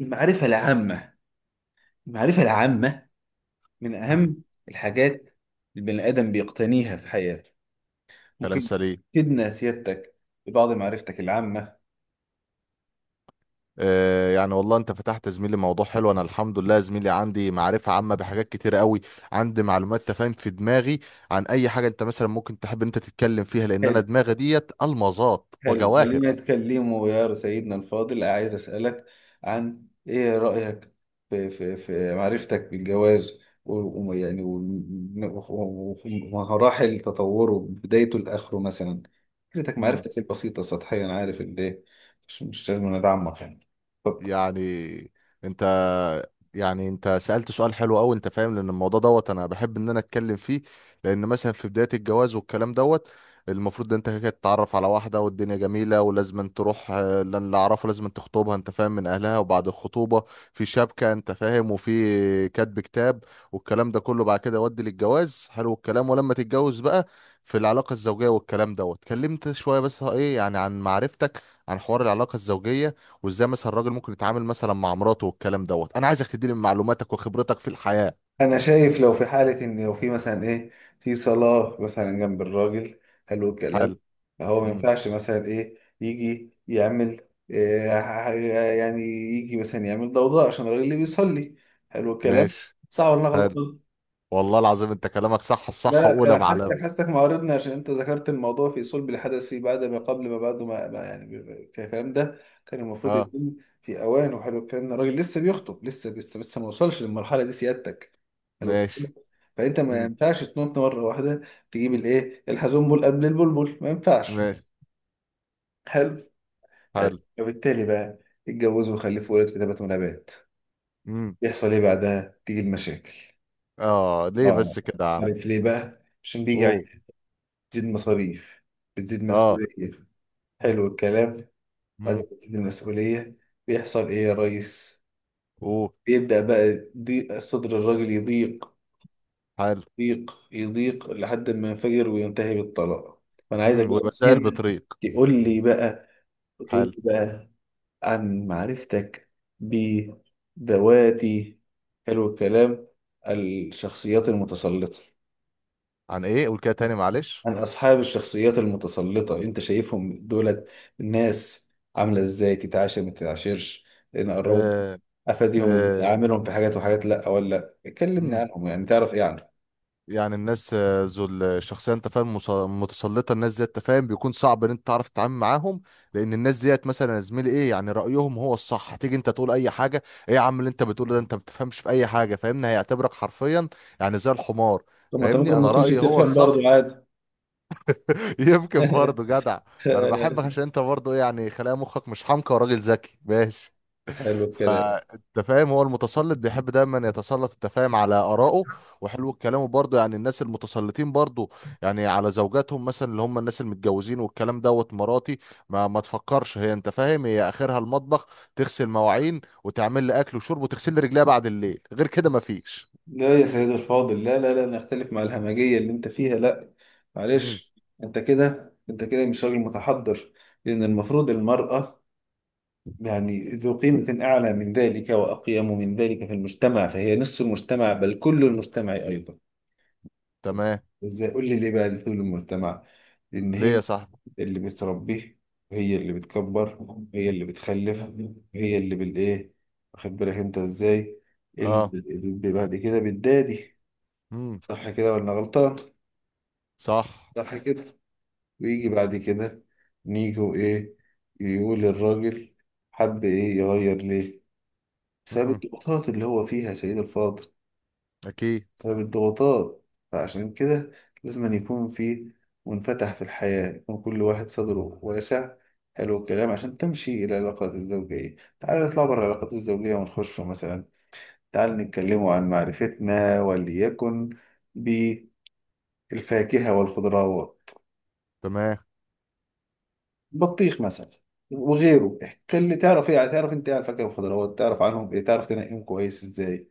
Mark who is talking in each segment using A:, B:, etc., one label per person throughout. A: المعرفة العامة، المعرفة العامة من أهم الحاجات البني آدم بيقتنيها في حياته.
B: كلام
A: ممكن
B: سليم.
A: تفيدنا سيادتك ببعض معرفتك العامة.
B: آه، يعني والله انت فتحت يا زميلي موضوع حلو. انا الحمد لله يا زميلي عندي معرفة عامة بحاجات كتيرة قوي. عندي معلومات تفاهم في دماغي عن اي حاجة. انت مثلا ممكن تحب ان انت تتكلم فيها، لان انا
A: حلو.
B: دماغي ديت المظات
A: حلو،
B: وجواهر.
A: خلينا نتكلموا يا سيدنا الفاضل. عايز أسألك عن إيه رأيك في معرفتك بالجواز، ومراحل تطوره بدايته لآخره مثلا. فكرتك،
B: مم.
A: معرفتك البسيطة السطحية، أنا عارف إن ده مش لازم ندعمك يعني. اتفضل.
B: يعني انت يعني انت سألت سؤال حلو قوي انت فاهم، لان الموضوع دوت انا بحب ان انا اتكلم فيه. لان مثلا في بداية الجواز والكلام دوت، المفروض ان انت كده تتعرف على واحدة والدنيا جميلة، ولازم أن تروح اللي اعرفه لازم أن تخطبها انت فاهم من اهلها. وبعد الخطوبة في شبكة انت فاهم، وفي كاتب كتاب، والكلام ده كله بعد كده يودي للجواز. حلو الكلام. ولما تتجوز بقى في العلاقة الزوجية والكلام دوت، اتكلمت شوية بس، ايه يعني عن معرفتك عن حوار العلاقة الزوجية وازاي مثلا الراجل ممكن يتعامل مثلا مع مراته والكلام دوت. انا عايزك تديني من معلوماتك وخبرتك في الحياة.
A: انا شايف لو في حاله، ان لو في مثلا ايه، في صلاه مثلا جنب الراجل، حلو الكلام.
B: حلو.
A: هو ما
B: مم.
A: ينفعش مثلا ايه يجي يعمل إيه، يعني يجي مثلا يعمل ضوضاء عشان الراجل اللي بيصلي، حلو الكلام.
B: ماشي.
A: صح ولا أنا
B: حلو.
A: غلطان؟
B: والله العظيم انت كلامك صح الصح
A: لا،
B: واولى
A: انا
B: معلم.
A: حاسسك معارضني، عشان انت ذكرت الموضوع في صلب الحدث في بعد ما قبل ما بعده، الكلام ده كان المفروض
B: اه.
A: يكون في اوان. وحلو الكلام ده، الراجل لسه بيخطب، لسه ما وصلش للمرحله دي سيادتك. حلو.
B: ماشي.
A: فانت ما
B: مم.
A: ينفعش تنط مره واحده تجيب الايه الحزنبل قبل البلبل، ما ينفعش.
B: ماشي.
A: حلو. حلو
B: حلو.
A: فبالتالي بقى اتجوزوا وخلفوا ولد في تبات ونبات،
B: مم.
A: يحصل ايه بعدها؟ تيجي المشاكل.
B: اه ليه
A: اه.
B: بس كده يا عم؟
A: عارف ليه بقى؟ عشان بيجي
B: اوه.
A: بتزيد مصاريف، بتزيد
B: اه.
A: مسؤولية. حلو الكلام. بعد
B: مم.
A: ما بتزيد المسؤولية بيحصل إيه يا ريس؟
B: اوه.
A: بيبدأ بقى ضيق صدر الراجل، يضيق
B: حلو.
A: يضيق يضيق لحد ما ينفجر وينتهي بالطلاق. فأنا عايزك بقى من
B: ومسائل
A: هنا
B: بطريق.
A: تقول لي بقى، تقول
B: حلو.
A: لي بقى عن معرفتك بذواتي، حلو الكلام، الشخصيات المتسلطة.
B: عن ايه قول كده تاني معلش؟
A: عن أصحاب الشخصيات المتسلطة، أنت شايفهم دولت الناس عاملة إزاي؟ تتعاشر ما تتعاشرش؟ نقربهم؟
B: آه.
A: أفاديهم إزاي؟
B: آه.
A: أعاملهم في حاجات وحاجات؟ لأ ولا لأ، كلمني عنهم يعني، تعرف إيه عنهم؟
B: يعني الناس ذو الشخصيه انت فاهم متسلطه. الناس ديت انت فاهم بيكون صعب ان انت تعرف تتعامل معاهم. لان الناس ديت مثلا يا زميلي، ايه يعني رايهم هو الصح. هتيجي انت تقول اي حاجه، ايه يا عم اللي انت بتقوله ده، انت ما بتفهمش في اي حاجه فاهمني، هيعتبرك حرفيا يعني زي الحمار.
A: طب ما أنت
B: فاهمني
A: ممكن ما
B: انا
A: تكونش
B: رايي هو
A: بتفهم
B: الصح.
A: برضه، عادي.
B: يمكن برضه جدع. انا بحبك عشان انت برضه يعني خلايا مخك مش حمقى وراجل ذكي، ماشي.
A: حلو الكلام.
B: فانت فاهم هو المتسلط بيحب دايما يتسلط انت فاهم على آرائه. وحلو الكلام برضه، يعني الناس المتسلطين برضه، يعني على زوجاتهم مثلا اللي هم الناس المتجوزين والكلام دوت. مراتي ما تفكرش هي انت فاهم هي اخرها المطبخ. تغسل مواعين وتعمل لي اكل وشرب وتغسل لي رجليها بعد الليل، غير كده ما فيش.
A: لا يا سيد الفاضل، لا لا لا، نختلف مع الهمجية اللي أنت فيها، لأ.
B: امم.
A: معلش. أنت كده مش راجل متحضر. لأن المفروض المرأة يعني ذو قيمة أعلى من ذلك وأقيم من ذلك في المجتمع، فهي نصف المجتمع بل كل المجتمع أيضا.
B: تمام.
A: إزاي؟ قول لي ليه بقى كل المجتمع؟ لأن
B: ليه
A: هي
B: يا صاحبي؟
A: اللي بتربيه، وهي اللي بتكبر وهي اللي بتخلف، وهي اللي بالإيه، واخد بالك أنت إزاي اللي
B: اه.
A: بعد كده بتدادي.
B: امم.
A: صح كده ولا غلطان؟
B: صح.
A: صح كده. ويجي بعد كده نيجي وإيه؟ يقول الراجل حب إيه، يغير ليه؟ بسبب
B: امم.
A: الضغوطات اللي هو فيها يا سيد الفاضل،
B: اكيد.
A: بسبب الضغوطات. فعشان كده لازم أن يكون في منفتح في الحياة، يكون كل واحد صدره واسع. حلو الكلام، عشان تمشي العلاقات الزوجية. تعال نطلع بره العلاقات الزوجية ونخش مثلا، تعال نتكلموا عن معرفتنا، وليكن بالفاكهة والخضروات.
B: تمام.
A: بطيخ مثلا، وغيره، اللي تعرف. ايه يعني، تعرف انت ايه على الفاكهة والخضروات؟ تعرف عنهم ايه؟ تعرف تنقيهم كويس ازاي؟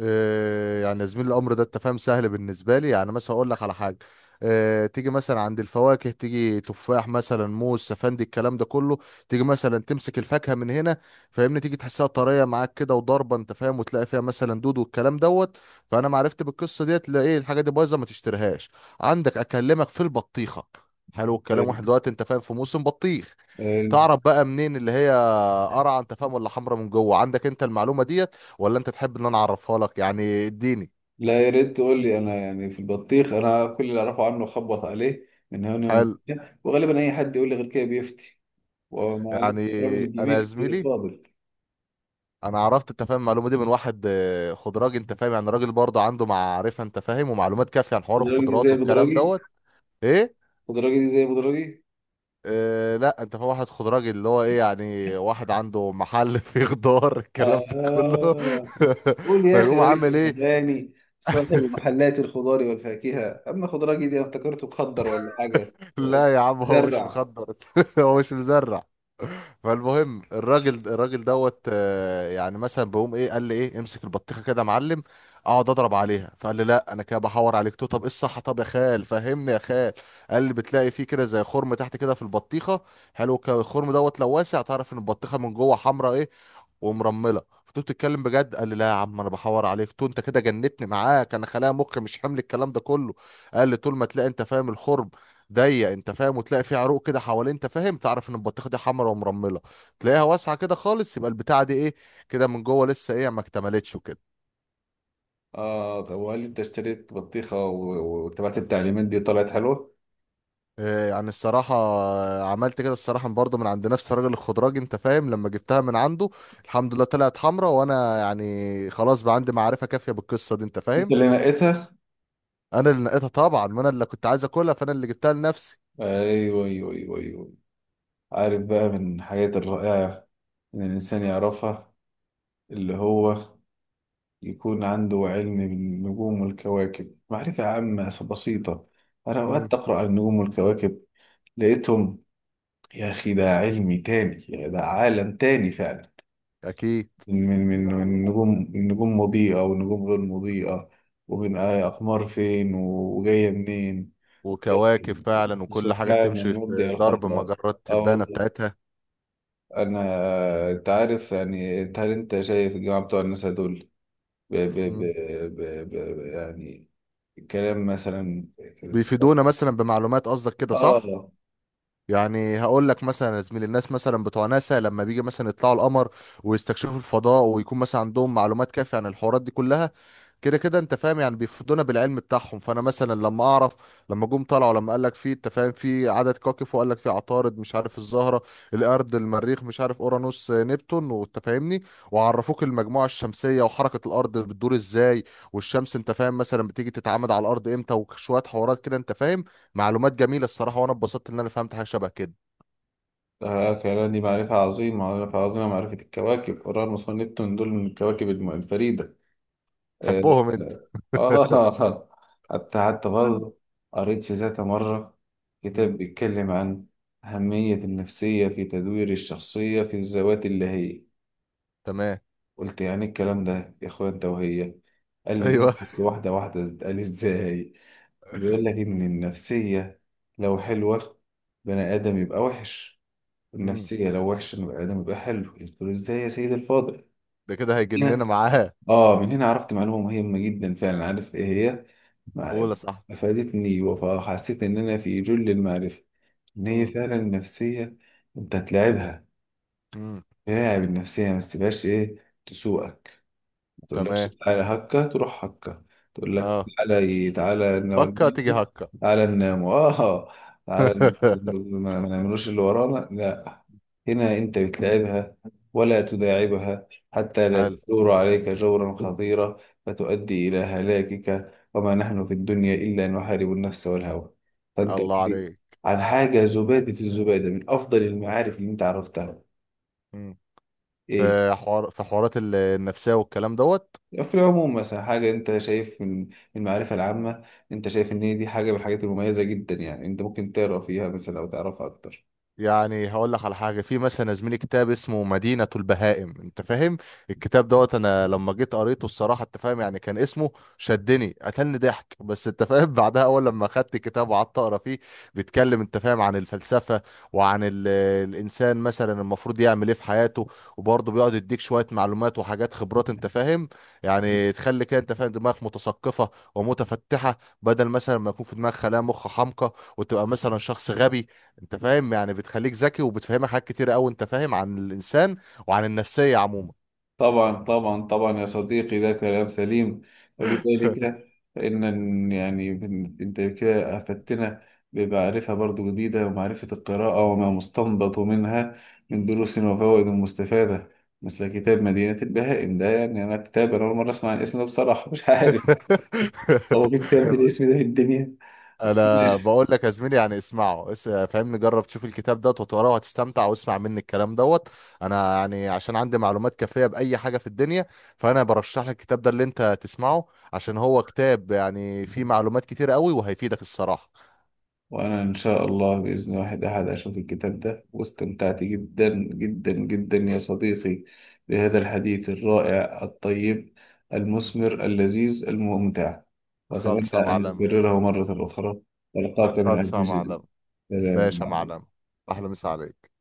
B: آه، يعني يا زميلي الامر ده انت فاهم سهل بالنسبه لي. يعني مثلا اقول لك على حاجه. تيجي مثلا عند الفواكه، تيجي تفاح مثلا، موز، سفندي، الكلام ده كله. تيجي مثلا تمسك الفاكهه من هنا فاهمني، تيجي تحسها طريه معاك كده وضربه انت فاهم، وتلاقي فيها مثلا دود والكلام دوت. فانا ما عرفت بالقصه ديت، لا ايه الحاجه دي بايظه ما تشتريهاش. عندك اكلمك في البطيخه. حلو الكلام. واحد دلوقتي انت فاهم في موسم بطيخ،
A: حلو.
B: تعرف بقى منين اللي هي قرعه انت فاهم ولا حمرا من جوه؟ عندك انت المعلومه ديت، ولا انت تحب ان انا اعرفها لك؟ يعني اديني.
A: لا يا ريت تقول لي. انا يعني في البطيخ، انا كل اللي اعرفه عنه خبط عليه من هنا ومن
B: حلو.
A: هنا، وغالبا اي حد يقول لي غير كده بيفتي. ومع
B: يعني
A: الاحترام
B: انا يا
A: الجميل كده،
B: زميلي
A: فاضل.
B: انا عرفت انت فاهم المعلومه دي من واحد خضراجي انت فاهم، يعني راجل برضه عنده معرفه انت فاهم ومعلومات كافيه عن حوار
A: بدراجي دي
B: الخضروات
A: زي
B: والكلام
A: بدراجي؟
B: دوت. ايه؟
A: بدراجي دي زي بدراجي
B: آه لا، انت فاهم واحد خضراجي اللي هو ايه يعني واحد عنده محل فيه خضار الكلام ده كله.
A: آه. قول يا اخي،
B: فيقوم
A: راجل
B: عامل ايه.
A: فكهاني، صاحب محلات الخضار والفاكهه. اما خضراجي دي انا افتكرته مخضر ولا حاجه. آه،
B: لا يا عم هو مش
A: بيزرع.
B: مخضر، هو مش مزرع. فالمهم الراجل دوت يعني مثلا بقوم ايه، قال لي ايه امسك البطيخه كده يا معلم، اقعد اضرب عليها. فقال لي لا انا كده بحور عليك تو، طب ايه الصح، طب يا خال فهمني يا خال. قال لي بتلاقي فيه كده زي خرم تحت كده في البطيخه. حلو الخرم دوت لو واسع، تعرف ان البطيخه من جوه حمراء ايه، ومرمله. فقلت له بتتكلم بجد؟ قال لي لا يا عم انا بحور عليك تو، انت كده جنتني معاك، انا خلايا مخ مش حمل الكلام ده كله. قال لي طول ما تلاقي انت فاهم الخرم ضيق انت فاهم، وتلاقي فيه عروق كده حوالين انت فاهم، تعرف ان البطيخه دي حمرا ومرمله. تلاقيها واسعه كده خالص يبقى البتاعه دي ايه كده، من جوه لسه ايه ما اكتملتش وكده.
A: اه طب، وهل انت اشتريت بطيخه واتبعت التعليمات دي، طلعت حلوه؟
B: آه، يعني الصراحة عملت كده الصراحة برضه من عند نفس الراجل الخضراجي انت فاهم، لما جبتها من عنده. الحمد لله طلعت حمرا، وانا يعني خلاص بقى عندي معرفة كافية بالقصة دي انت
A: انت
B: فاهم.
A: اللي نقيتها؟
B: انا اللي نقيتها طبعا، ما انا اللي كنت عايز اكلها فانا اللي جبتها لنفسي.
A: ايوه، ايوه، ايوه، ايوه. عارف بقى من الحاجات الرائعة إن الإنسان يعرفها، اللي هو يكون عنده علم بالنجوم والكواكب، معرفة عامة بسيطة. أنا
B: امم.
A: أوقات أقرأ عن النجوم والكواكب، لقيتهم يا أخي ده علمي تاني، يا ده عالم تاني فعلا.
B: اكيد.
A: من نجوم، النجوم مضيئة ونجوم غير مضيئة، ومن أقمار فين وجاية منين.
B: وكواكب فعلا، وكل حاجه
A: سبحان
B: بتمشي
A: المبدع
B: في درب
A: الخلاق.
B: مجرات
A: آه
B: التبانه
A: والله.
B: بتاعتها.
A: انا، انت عارف يعني، هل انت شايف الجماعه بتوع الناس دول ب... ب... ب...
B: امم.
A: ب... ب... يعني كلام مثلا؟
B: بيفيدونا مثلا بمعلومات، قصدك كده صح؟
A: اه.
B: يعني هقول لك مثلا يا زميلي، الناس مثلا بتوع ناسا لما بيجي مثلا يطلعوا القمر ويستكشفوا الفضاء، ويكون مثلا عندهم معلومات كافية عن الحوارات دي كلها كده كده انت فاهم، يعني بيفيدونا بالعلم بتاعهم. فانا مثلا لما جم طلعوا، لما قال لك في انت فاهم في عدد كواكب، وقال لك في عطارد مش عارف الزهرة، الارض، المريخ، مش عارف اورانوس، نبتون، وانت فاهمني. وعرفوك المجموعة الشمسية وحركة الارض بتدور ازاي، والشمس انت فاهم مثلا بتيجي تتعامد على الارض امتى، وشوية حوارات كده انت فاهم. معلومات جميلة الصراحة، وانا اتبسطت ان انا فهمت حاجة شبه كده.
A: آه، كلام دي معرفة عظيمة، معرفة عظيمة، معرفة الكواكب. أورانوس ونبتون دول من الكواكب الفريدة. آه.
B: تحبهم انت؟
A: آه. حتى برضه قريت في ذات مرة كتاب
B: مم.
A: بيتكلم عن أهمية النفسية في تدوير الشخصية في الذوات اللي هي،
B: تمام.
A: قلت يعني الكلام ده يا اخويا، انت وهي؟ قال لي ده
B: ايوه.
A: بص، واحدة واحدة، قال لي ازاي؟ بيقول لك ان النفسية لو حلوة، بني ادم يبقى وحش،
B: مم.
A: النفسية لو وحشة بني ادم يبقى حلو. قلت له ازاي يا سيد الفاضل؟
B: ده كده هيجننا
A: هنا،
B: معاه.
A: اه من هنا عرفت معلومة مهمة جدا فعلا، عارف ايه هي؟ مع-
B: قول يا صاحبي.
A: افادتني، وحسيت ان انا في جل المعرفة. ان هي
B: مم.
A: فعلا النفسية، انت تلعبها،
B: مم.
A: تلعب النفسية ما تسيبهاش ايه تسوقك، تقول لك
B: تمام.
A: تعالى هكا تروح هكا، تقول لك
B: اه.
A: تعالى إيه؟ تعالى ننام،
B: هكا تيجي هكا.
A: تعالى ننام اه، تعالى ما نعملوش اللي ورانا، لا. هنا انت بتلعبها ولا تداعبها، حتى لا
B: هل
A: تدور عليك جورا خطيرا فتؤدي الى هلاكك، وما نحن في الدنيا الا نحارب النفس والهوى. فانت قل
B: الله
A: لي
B: عليك.
A: عن حاجه، زباده، الزباده من افضل المعارف اللي انت عرفتها،
B: مم.
A: ايه؟
B: في حوارات النفسية والكلام دوت.
A: في العموم مثلا، حاجة أنت شايف من المعرفة العامة أنت شايف إن هي دي حاجة من الحاجات المميزة جدا، يعني أنت ممكن تقرأ فيها مثلا أو تعرفها أكتر.
B: يعني هقول لك على حاجه، في مثلا يا زميلي كتاب اسمه مدينه البهائم انت فاهم. الكتاب دوت انا لما جيت قريته الصراحه انت فاهم، يعني كان اسمه شدني قتلني ضحك بس انت فاهم. بعدها اول لما خدت الكتاب وقعدت اقرا فيه، بيتكلم انت فاهم عن الفلسفه، وعن الانسان مثلا المفروض يعمل ايه في حياته. وبرضه بيقعد يديك شويه معلومات وحاجات خبرات انت فاهم، يعني تخلي كده انت فاهم دماغك متثقفه ومتفتحه، بدل مثلا ما يكون في دماغك خلايا مخ حمقى وتبقى مثلا شخص غبي. انت فاهم يعني بتخليك ذكي، وبتفهمك حاجات كتير قوي انت فاهم عن الانسان وعن النفسيه عموما.
A: طبعا طبعا طبعا يا صديقي، ده كلام سليم. وبذلك فإن يعني أنت كده أفدتنا بمعرفة برضو جديدة، ومعرفة القراءة وما مستنبط منها من دروس وفوائد مستفادة، مثل كتاب مدينة البهائم ده. يعني أنا كتاب أنا أول مرة أسمع عن الاسم ده، بصراحة مش عارف هو في كتاب بالاسم ده في الدنيا؟ بس
B: انا
A: ماشي.
B: بقول لك يا زميلي، يعني اسمعه فاهمني، جرب تشوف الكتاب دوت وتقراه وهتستمتع، واسمع مني الكلام دوت. انا يعني عشان عندي معلومات كافيه باي حاجه في الدنيا، فانا برشح لك الكتاب ده اللي انت تسمعه، عشان هو كتاب يعني فيه معلومات كتير قوي وهيفيدك الصراحه.
A: وأنا إن شاء الله بإذن واحد أحد أشوف الكتاب ده. واستمتعت جدا جدا جدا يا صديقي بهذا الحديث الرائع الطيب
B: مم.
A: المثمر اللذيذ الممتع، وأتمنى
B: خالصه
A: أن
B: معلمه.
A: نكرره مرة أخرى وألقاك من
B: خالصه
A: أجل جديد.
B: معلمه.
A: سلام
B: ماشي يا
A: عليكم.
B: معلمه. احلى مسا عليك.